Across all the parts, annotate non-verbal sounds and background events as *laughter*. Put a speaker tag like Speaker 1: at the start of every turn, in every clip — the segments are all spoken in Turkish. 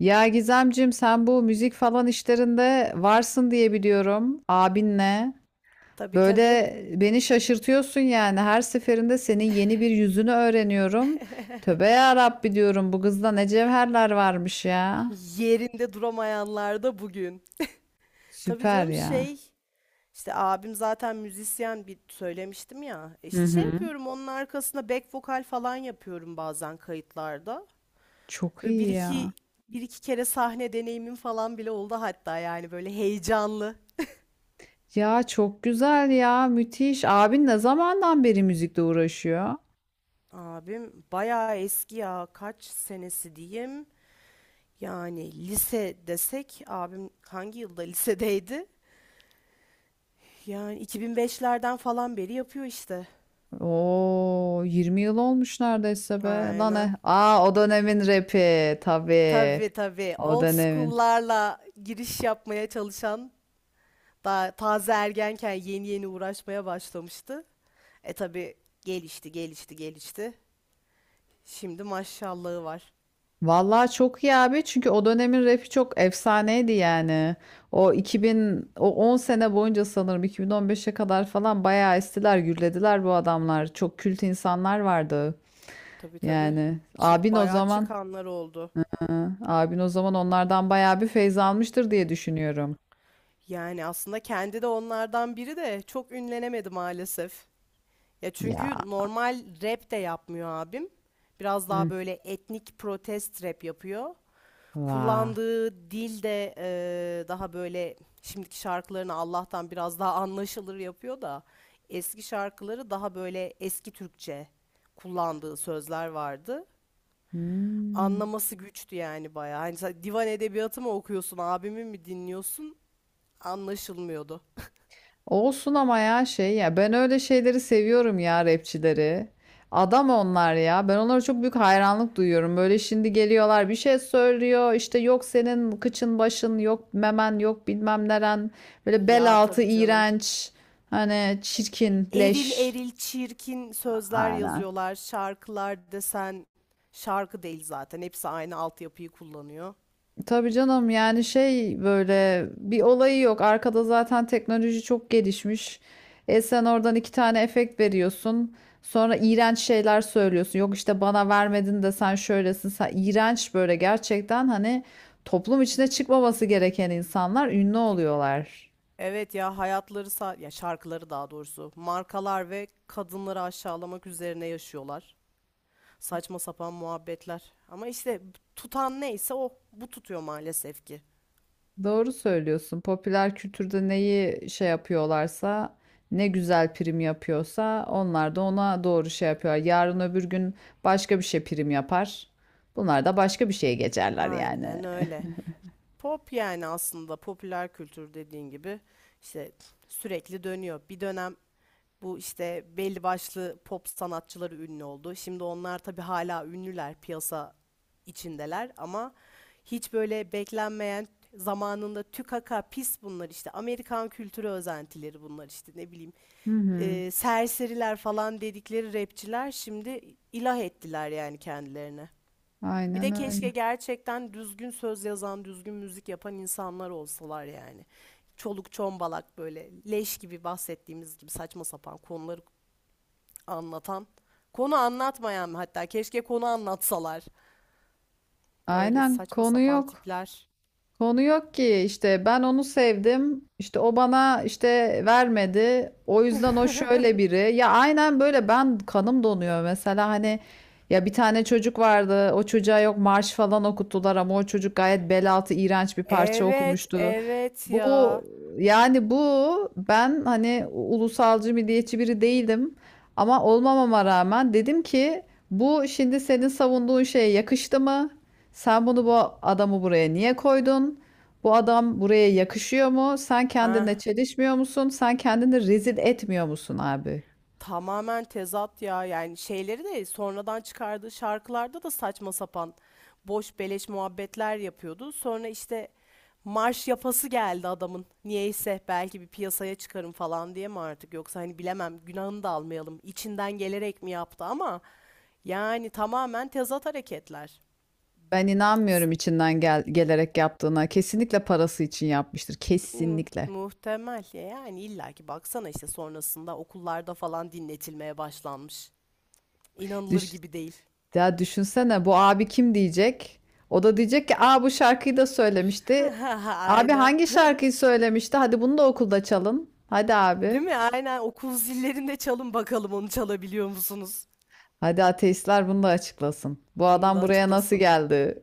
Speaker 1: Ya Gizemcim sen bu müzik falan işlerinde varsın diye biliyorum abinle.
Speaker 2: Tabii tabii.
Speaker 1: Böyle beni şaşırtıyorsun yani her seferinde senin yeni bir yüzünü öğreniyorum. Tövbe ya Rabbi diyorum bu kızda ne cevherler varmış ya.
Speaker 2: Yerinde duramayanlar da bugün. Tabii
Speaker 1: Süper
Speaker 2: canım
Speaker 1: ya.
Speaker 2: şey işte abim zaten müzisyen bir söylemiştim ya.
Speaker 1: Hı
Speaker 2: İşte şey
Speaker 1: hı.
Speaker 2: yapıyorum onun arkasına back vokal falan yapıyorum bazen kayıtlarda.
Speaker 1: Çok
Speaker 2: Ve bir
Speaker 1: iyi ya.
Speaker 2: iki bir iki kere sahne deneyimim falan bile oldu hatta yani böyle heyecanlı.
Speaker 1: Ya çok güzel ya müthiş. Abin ne zamandan beri müzikle uğraşıyor?
Speaker 2: Abim bayağı eski ya kaç senesi diyeyim. Yani lise desek abim hangi yılda lisedeydi? Yani 2005'lerden falan beri yapıyor işte.
Speaker 1: Oo 20 yıl olmuş neredeyse be. Lan
Speaker 2: Aynen.
Speaker 1: e. Aa o dönemin rapi tabii.
Speaker 2: Tabii tabii.
Speaker 1: O
Speaker 2: Old
Speaker 1: dönemin.
Speaker 2: school'larla giriş yapmaya çalışan daha taze ergenken yeni yeni uğraşmaya başlamıştı. Tabii gelişti, gelişti, gelişti. Şimdi maşallahı var.
Speaker 1: Vallahi çok iyi abi çünkü o dönemin rapi çok efsaneydi yani. O 2000 o 10 sene boyunca sanırım 2015'e kadar falan bayağı estiler, gürlediler bu adamlar. Çok kült insanlar vardı.
Speaker 2: Tabii tabii.
Speaker 1: Yani
Speaker 2: Çık bayağı çıkanlar oldu.
Speaker 1: hı, abin o zaman onlardan bayağı bir feyz almıştır diye düşünüyorum.
Speaker 2: Yani aslında kendi de onlardan biri de çok ünlenemedi maalesef. Ya
Speaker 1: Ya.
Speaker 2: çünkü normal rap de yapmıyor abim. Biraz daha
Speaker 1: Hı.
Speaker 2: böyle etnik protest rap yapıyor.
Speaker 1: Vah.
Speaker 2: Kullandığı dil de, daha böyle şimdiki şarkılarını Allah'tan biraz daha anlaşılır yapıyor da eski şarkıları daha böyle eski Türkçe kullandığı sözler vardı.
Speaker 1: Hmm.
Speaker 2: Anlaması güçtü yani bayağı. Hani sen divan edebiyatı mı okuyorsun, abimi mi dinliyorsun? Anlaşılmıyordu. *laughs*
Speaker 1: Olsun ama ya şey ya ben öyle şeyleri seviyorum ya rapçileri. Adam onlar ya. Ben onlara çok büyük hayranlık duyuyorum. Böyle şimdi geliyorlar bir şey söylüyor. İşte yok senin kıçın başın yok memen yok bilmem neren. Böyle bel
Speaker 2: Ya
Speaker 1: altı
Speaker 2: tabii canım.
Speaker 1: iğrenç. Hani çirkin
Speaker 2: Eril
Speaker 1: leş.
Speaker 2: eril çirkin sözler
Speaker 1: Aynen.
Speaker 2: yazıyorlar. Şarkılar desen şarkı değil zaten. Hepsi aynı altyapıyı kullanıyor.
Speaker 1: Tabii canım yani şey böyle bir olayı yok. Arkada zaten teknoloji çok gelişmiş. E sen oradan iki tane efekt veriyorsun. Sonra iğrenç şeyler söylüyorsun. Yok işte bana vermedin de sen şöylesin. Sen iğrenç böyle gerçekten hani toplum içine çıkmaması gereken insanlar ünlü
Speaker 2: Ki-
Speaker 1: oluyorlar.
Speaker 2: Evet ya ya şarkıları daha doğrusu markalar ve kadınları aşağılamak üzerine yaşıyorlar. Saçma sapan muhabbetler. Ama işte tutan neyse o bu tutuyor maalesef ki.
Speaker 1: Doğru söylüyorsun. Popüler kültürde neyi şey yapıyorlarsa, ne güzel prim yapıyorsa onlar da ona doğru şey yapıyorlar. Yarın öbür gün başka bir şey prim yapar. Bunlar da başka bir şeye geçerler yani.
Speaker 2: Aynen öyle. Pop yani aslında popüler kültür dediğin gibi işte sürekli dönüyor. Bir dönem bu işte belli başlı pop sanatçıları ünlü oldu. Şimdi onlar tabii hala ünlüler, piyasa içindeler ama hiç böyle beklenmeyen zamanında tükaka pis bunlar işte. Amerikan kültürü özentileri bunlar işte ne bileyim.
Speaker 1: Hı hı.
Speaker 2: Serseriler falan dedikleri rapçiler şimdi ilah ettiler yani kendilerine. Bir
Speaker 1: Aynen
Speaker 2: de keşke
Speaker 1: öyle.
Speaker 2: gerçekten düzgün söz yazan, düzgün müzik yapan insanlar olsalar yani. Çoluk çombalak böyle leş gibi bahsettiğimiz gibi saçma sapan konuları anlatan. Konu anlatmayan hatta keşke konu anlatsalar. Öyle
Speaker 1: Aynen,
Speaker 2: saçma
Speaker 1: konu
Speaker 2: sapan
Speaker 1: yok.
Speaker 2: tipler.
Speaker 1: Konu yok ki işte ben onu sevdim işte o bana işte vermedi o yüzden o şöyle biri ya aynen böyle ben kanım donuyor mesela hani ya bir tane çocuk vardı o çocuğa yok marş falan okuttular ama o çocuk gayet bel altı iğrenç bir parça
Speaker 2: Evet,
Speaker 1: okumuştu.
Speaker 2: evet
Speaker 1: Bu,
Speaker 2: ya.
Speaker 1: yani, bu, ben hani ulusalcı milliyetçi biri değilim ama olmamama rağmen dedim ki bu şimdi senin savunduğun şeye yakıştı mı? Sen bu adamı buraya niye koydun? Bu adam buraya yakışıyor mu? Sen kendinle
Speaker 2: Ha,
Speaker 1: çelişmiyor musun? Sen kendini rezil etmiyor musun abi?
Speaker 2: tamamen tezat ya. Yani şeyleri de sonradan çıkardığı şarkılarda da saçma sapan boş beleş muhabbetler yapıyordu. Sonra işte marş yapası geldi adamın. Niyeyse belki bir piyasaya çıkarım falan diye mi artık yoksa hani bilemem günahını da almayalım. İçinden gelerek mi yaptı ama yani tamamen tezat hareketler.
Speaker 1: Ben inanmıyorum içinden gelerek yaptığına. Kesinlikle parası için yapmıştır.
Speaker 2: Hmm,
Speaker 1: Kesinlikle.
Speaker 2: muhtemel ya yani illaki baksana işte sonrasında okullarda falan dinletilmeye başlanmış. İnanılır
Speaker 1: Düş
Speaker 2: gibi değil.
Speaker 1: Ya düşünsene bu abi kim diyecek? O da diyecek ki aa bu şarkıyı da söylemişti.
Speaker 2: *laughs*
Speaker 1: Abi
Speaker 2: Aynen.
Speaker 1: hangi şarkıyı söylemişti? Hadi bunu da okulda çalın. Hadi
Speaker 2: Değil
Speaker 1: abi.
Speaker 2: mi? Aynen okul zillerinde çalın bakalım onu çalabiliyor musunuz?
Speaker 1: Hadi ateistler bunu da açıklasın. Bu
Speaker 2: Bunu da
Speaker 1: adam buraya nasıl
Speaker 2: açıklasın.
Speaker 1: geldi?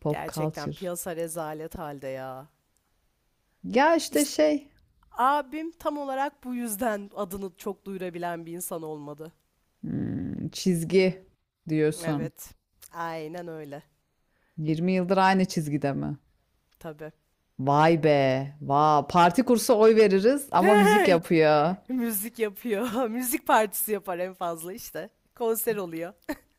Speaker 1: Pop
Speaker 2: Gerçekten
Speaker 1: culture.
Speaker 2: piyasa rezalet halde ya.
Speaker 1: Ya işte
Speaker 2: İşte
Speaker 1: şey,
Speaker 2: abim tam olarak bu yüzden adını çok duyurabilen bir insan olmadı.
Speaker 1: çizgi diyorsun.
Speaker 2: Evet. Aynen öyle.
Speaker 1: 20 yıldır aynı çizgide mi?
Speaker 2: Tabii.
Speaker 1: Vay be, parti kursa oy veririz ama müzik
Speaker 2: *laughs*
Speaker 1: yapıyor.
Speaker 2: Müzik yapıyor. *laughs* Müzik partisi yapar en fazla işte. Konser oluyor. *laughs*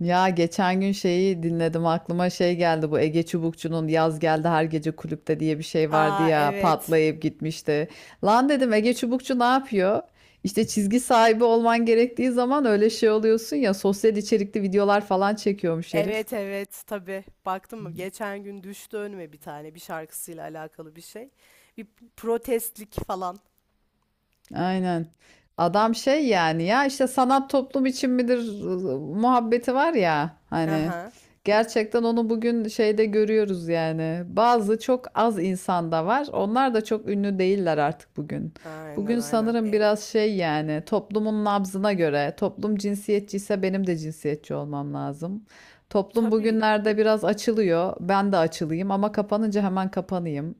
Speaker 1: Ya geçen gün şeyi dinledim aklıma şey geldi bu Ege Çubukçu'nun Yaz Geldi Her Gece Kulüpte diye bir şey vardı
Speaker 2: Aa,
Speaker 1: ya
Speaker 2: evet.
Speaker 1: patlayıp gitmişti. Lan dedim Ege Çubukçu ne yapıyor? İşte çizgi sahibi olman gerektiği zaman öyle şey oluyorsun ya sosyal içerikli videolar falan çekiyormuş herif.
Speaker 2: Evet evet tabii. Baktım mı? Geçen gün düştü önüme bir tane bir şarkısıyla alakalı bir şey. Bir protestlik falan.
Speaker 1: Aynen. Adam şey yani ya işte sanat toplum için midir muhabbeti var ya hani
Speaker 2: Aha.
Speaker 1: gerçekten onu bugün şeyde görüyoruz yani. Bazı çok az insanda var. Onlar da çok ünlü değiller artık bugün.
Speaker 2: Aynen
Speaker 1: Bugün
Speaker 2: aynen.
Speaker 1: sanırım
Speaker 2: E,
Speaker 1: biraz şey yani toplumun nabzına göre toplum cinsiyetçiyse benim de cinsiyetçi olmam lazım. Toplum
Speaker 2: tabii
Speaker 1: bugünlerde biraz açılıyor. Ben de açılayım ama kapanınca hemen kapanayım.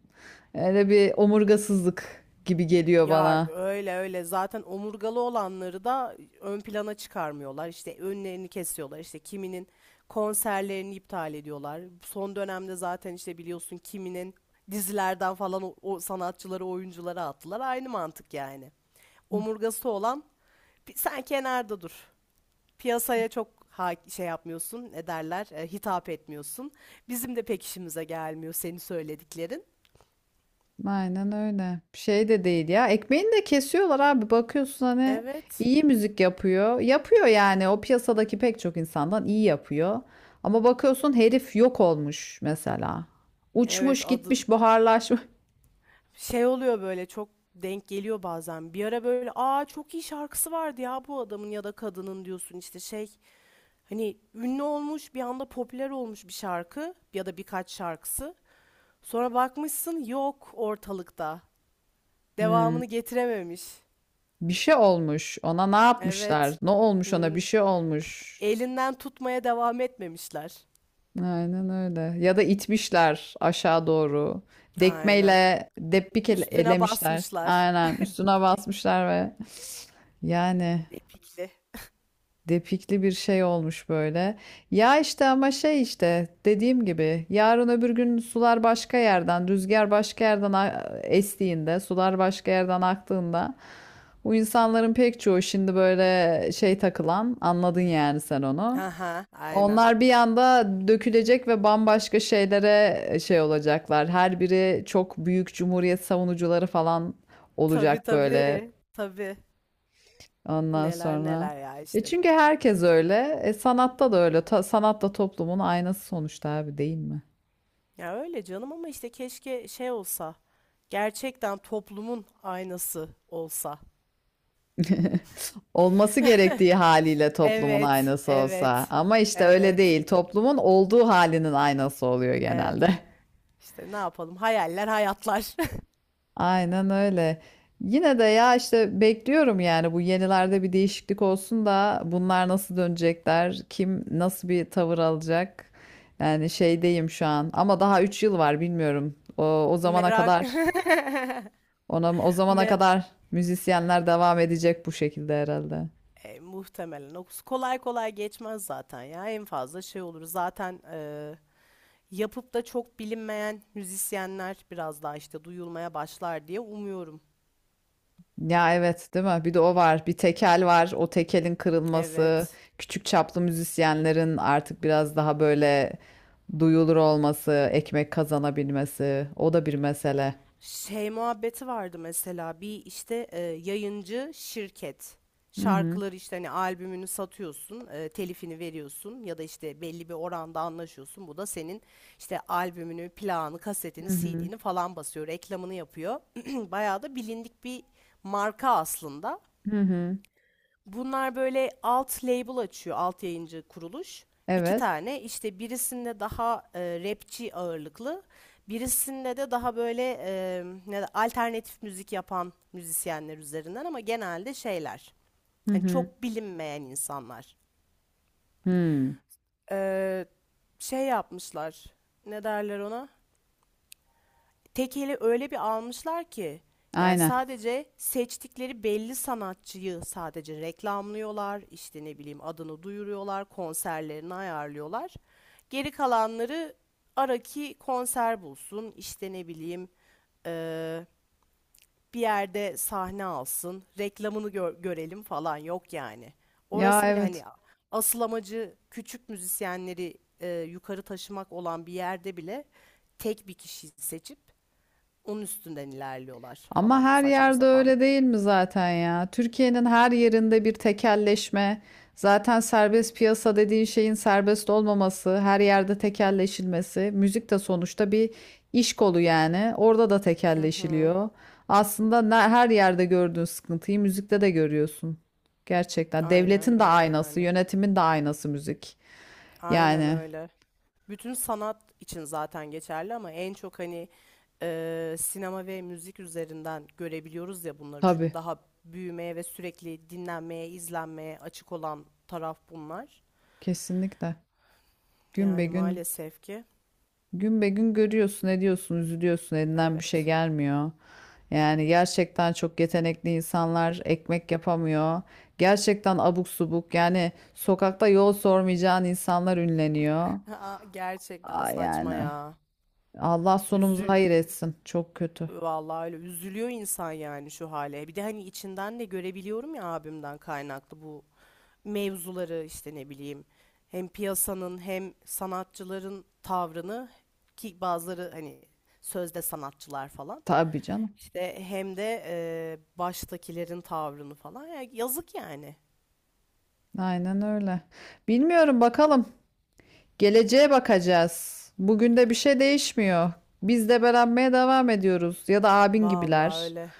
Speaker 1: Öyle bir omurgasızlık gibi geliyor
Speaker 2: Ya
Speaker 1: bana.
Speaker 2: öyle öyle zaten omurgalı olanları da ön plana çıkarmıyorlar. İşte önlerini kesiyorlar. İşte kiminin konserlerini iptal ediyorlar. Son dönemde zaten işte biliyorsun kiminin dizilerden falan o sanatçıları, oyuncuları attılar. Aynı mantık yani. Omurgası olan, "Sen kenarda dur. Piyasaya çok şey yapmıyorsun, ne derler, hitap etmiyorsun. Bizim de pek işimize gelmiyor senin söylediklerin."
Speaker 1: Aynen öyle. Şey de değil ya. Ekmeğini de kesiyorlar abi. Bakıyorsun hani
Speaker 2: Evet.
Speaker 1: iyi müzik yapıyor. Yapıyor yani. O piyasadaki pek çok insandan iyi yapıyor. Ama bakıyorsun herif yok olmuş mesela.
Speaker 2: Evet
Speaker 1: Uçmuş
Speaker 2: adı.
Speaker 1: gitmiş buharlaşmış.
Speaker 2: Şey oluyor böyle çok denk geliyor bazen. Bir ara böyle aa çok iyi şarkısı vardı ya bu adamın ya da kadının diyorsun işte şey hani ünlü olmuş bir anda popüler olmuş bir şarkı ya da birkaç şarkısı. Sonra bakmışsın yok ortalıkta.
Speaker 1: Hmm.
Speaker 2: Devamını getirememiş.
Speaker 1: Bir şey olmuş. Ona ne yapmışlar?
Speaker 2: Evet.
Speaker 1: Ne olmuş ona? Bir
Speaker 2: Hmm.
Speaker 1: şey olmuş.
Speaker 2: Elinden tutmaya devam etmemişler.
Speaker 1: Aynen öyle. Ya da itmişler aşağı doğru.
Speaker 2: Aynen.
Speaker 1: Dekmeyle debbik
Speaker 2: Üstüne
Speaker 1: elemişler.
Speaker 2: basmışlar.
Speaker 1: Aynen. Üstüne basmışlar ve yani.
Speaker 2: Depikli.
Speaker 1: Depikli bir şey olmuş böyle. Ya işte ama şey işte dediğim gibi yarın öbür gün sular başka yerden, rüzgar başka yerden estiğinde, sular başka yerden aktığında bu insanların pek çoğu şimdi böyle şey takılan, anladın yani sen onu.
Speaker 2: Aha, aynen.
Speaker 1: Onlar bir anda dökülecek ve bambaşka şeylere şey olacaklar. Her biri çok büyük cumhuriyet savunucuları falan
Speaker 2: Tabii
Speaker 1: olacak böyle.
Speaker 2: tabii. Tabii.
Speaker 1: Ondan
Speaker 2: Neler
Speaker 1: sonra.
Speaker 2: neler ya
Speaker 1: E
Speaker 2: işte.
Speaker 1: çünkü herkes öyle. E sanatta da öyle. Sanat da toplumun aynası sonuçta abi değil mi?
Speaker 2: Ya öyle canım ama işte keşke şey olsa. Gerçekten toplumun aynası olsa.
Speaker 1: *laughs* Olması gerektiği haliyle toplumun
Speaker 2: Evet,
Speaker 1: aynası olsa.
Speaker 2: evet,
Speaker 1: Ama işte öyle
Speaker 2: evet,
Speaker 1: değil. Toplumun olduğu halinin aynası oluyor
Speaker 2: evet.
Speaker 1: genelde. *laughs*
Speaker 2: İşte ne yapalım? Hayaller, hayatlar. *laughs*
Speaker 1: Aynen öyle. Yine de ya işte bekliyorum yani bu yenilerde bir değişiklik olsun da bunlar nasıl dönecekler, kim nasıl bir tavır alacak. Yani şeydeyim şu an ama daha 3 yıl var bilmiyorum. O zamana
Speaker 2: Merak,
Speaker 1: kadar. O
Speaker 2: *laughs*
Speaker 1: zamana
Speaker 2: mer
Speaker 1: kadar müzisyenler devam edecek bu şekilde herhalde.
Speaker 2: muhtemelen. O kolay kolay geçmez zaten ya. En fazla şey olur. Zaten yapıp da çok bilinmeyen müzisyenler biraz daha işte duyulmaya başlar diye umuyorum.
Speaker 1: Ya evet değil mi? Bir de o var. Bir tekel var. O tekelin kırılması,
Speaker 2: Evet.
Speaker 1: küçük çaplı müzisyenlerin artık biraz daha böyle duyulur olması, ekmek kazanabilmesi, o da bir mesele.
Speaker 2: Şey muhabbeti vardı mesela bir işte yayıncı şirket
Speaker 1: Hı hı.
Speaker 2: şarkıları işte hani albümünü satıyorsun telifini veriyorsun ya da işte belli bir oranda anlaşıyorsun bu da senin işte albümünü plağını kasetini
Speaker 1: Hı hı.
Speaker 2: CD'ni falan basıyor reklamını yapıyor *clears throat* bayağı da bilindik bir marka aslında.
Speaker 1: Hı hı.
Speaker 2: Bunlar böyle alt label açıyor, alt yayıncı kuruluş. İki
Speaker 1: Evet.
Speaker 2: tane işte birisinde daha rapçi ağırlıklı, birisinde de daha böyle ne alternatif müzik yapan müzisyenler üzerinden ama genelde şeyler.
Speaker 1: Hı
Speaker 2: Hani
Speaker 1: hı.
Speaker 2: çok bilinmeyen insanlar.
Speaker 1: Hı.
Speaker 2: Ee, şey yapmışlar. Ne derler ona? Tekeli öyle bir almışlar ki yani
Speaker 1: Aynen.
Speaker 2: sadece seçtikleri belli sanatçıyı sadece reklamlıyorlar, işte ne bileyim adını duyuruyorlar, konserlerini ayarlıyorlar. Geri kalanları araki konser bulsun, işte ne bileyim eee, bir yerde sahne alsın, reklamını görelim falan yok yani.
Speaker 1: Ya
Speaker 2: Orası bile hani
Speaker 1: evet.
Speaker 2: asıl amacı küçük müzisyenleri yukarı taşımak olan bir yerde bile tek bir kişiyi seçip onun üstünden ilerliyorlar
Speaker 1: Ama
Speaker 2: falan
Speaker 1: her
Speaker 2: saçma
Speaker 1: yerde
Speaker 2: sapan.
Speaker 1: öyle değil mi zaten ya? Türkiye'nin her yerinde bir tekelleşme. Zaten serbest piyasa dediğin şeyin serbest olmaması, her yerde tekelleşilmesi. Müzik de sonuçta bir iş kolu yani. Orada da
Speaker 2: Hı hı.
Speaker 1: tekelleşiliyor. Aslında her yerde gördüğün sıkıntıyı müzikte de görüyorsun. Gerçekten. Devletin
Speaker 2: Aynen
Speaker 1: de
Speaker 2: öyle
Speaker 1: aynası,
Speaker 2: yani.
Speaker 1: yönetimin de aynası müzik.
Speaker 2: Aynen
Speaker 1: Yani
Speaker 2: öyle. Bütün sanat için zaten geçerli ama en çok hani sinema ve müzik üzerinden görebiliyoruz ya bunları. Çünkü
Speaker 1: tabii,
Speaker 2: daha büyümeye ve sürekli dinlenmeye, izlenmeye açık olan taraf bunlar.
Speaker 1: kesinlikle. Gün be
Speaker 2: Yani
Speaker 1: gün
Speaker 2: maalesef ki
Speaker 1: Gün be gün görüyorsun, ediyorsun, üzülüyorsun, elinden bir şey
Speaker 2: evet.
Speaker 1: gelmiyor. Yani gerçekten çok yetenekli insanlar ekmek yapamıyor. Gerçekten abuk subuk yani sokakta yol sormayacağın insanlar ünleniyor.
Speaker 2: *laughs* Aa, gerçekten
Speaker 1: Aa,
Speaker 2: saçma
Speaker 1: yani
Speaker 2: ya.
Speaker 1: Allah sonumuzu
Speaker 2: Üzü,
Speaker 1: hayır etsin. Çok kötü.
Speaker 2: Vallahi öyle üzülüyor insan yani şu hale. Bir de hani içinden de görebiliyorum ya abimden kaynaklı bu mevzuları işte ne bileyim hem piyasanın hem sanatçıların tavrını ki bazıları hani sözde sanatçılar falan
Speaker 1: Tabii canım.
Speaker 2: işte hem de baştakilerin tavrını falan. Ya yazık yani.
Speaker 1: Aynen öyle. Bilmiyorum bakalım. Geleceğe bakacağız. Bugün de bir şey değişmiyor. Biz debelenmeye devam ediyoruz. Ya da abin
Speaker 2: Vallahi
Speaker 1: gibiler.
Speaker 2: öyle.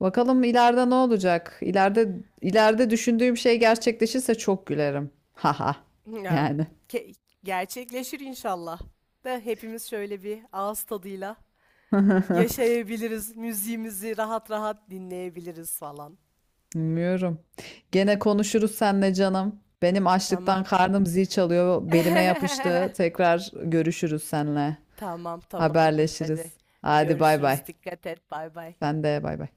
Speaker 1: Bakalım ileride ne olacak? İleride düşündüğüm şey gerçekleşirse çok gülerim. Haha.
Speaker 2: Ya
Speaker 1: Yani.
Speaker 2: ke- gerçekleşir inşallah. Da hepimiz şöyle bir ağız tadıyla
Speaker 1: *laughs*
Speaker 2: yaşayabiliriz. Müziğimizi rahat rahat dinleyebiliriz falan.
Speaker 1: Bilmiyorum. Gene konuşuruz seninle canım. Benim açlıktan
Speaker 2: Tamam.
Speaker 1: karnım zil çalıyor. Belime yapıştı.
Speaker 2: *laughs*
Speaker 1: Tekrar görüşürüz seninle.
Speaker 2: Tamam tamamdır. Hadi
Speaker 1: Haberleşiriz. Hadi bay bay.
Speaker 2: görüşürüz. Dikkat et. Bay bay.
Speaker 1: Sen de bay bay.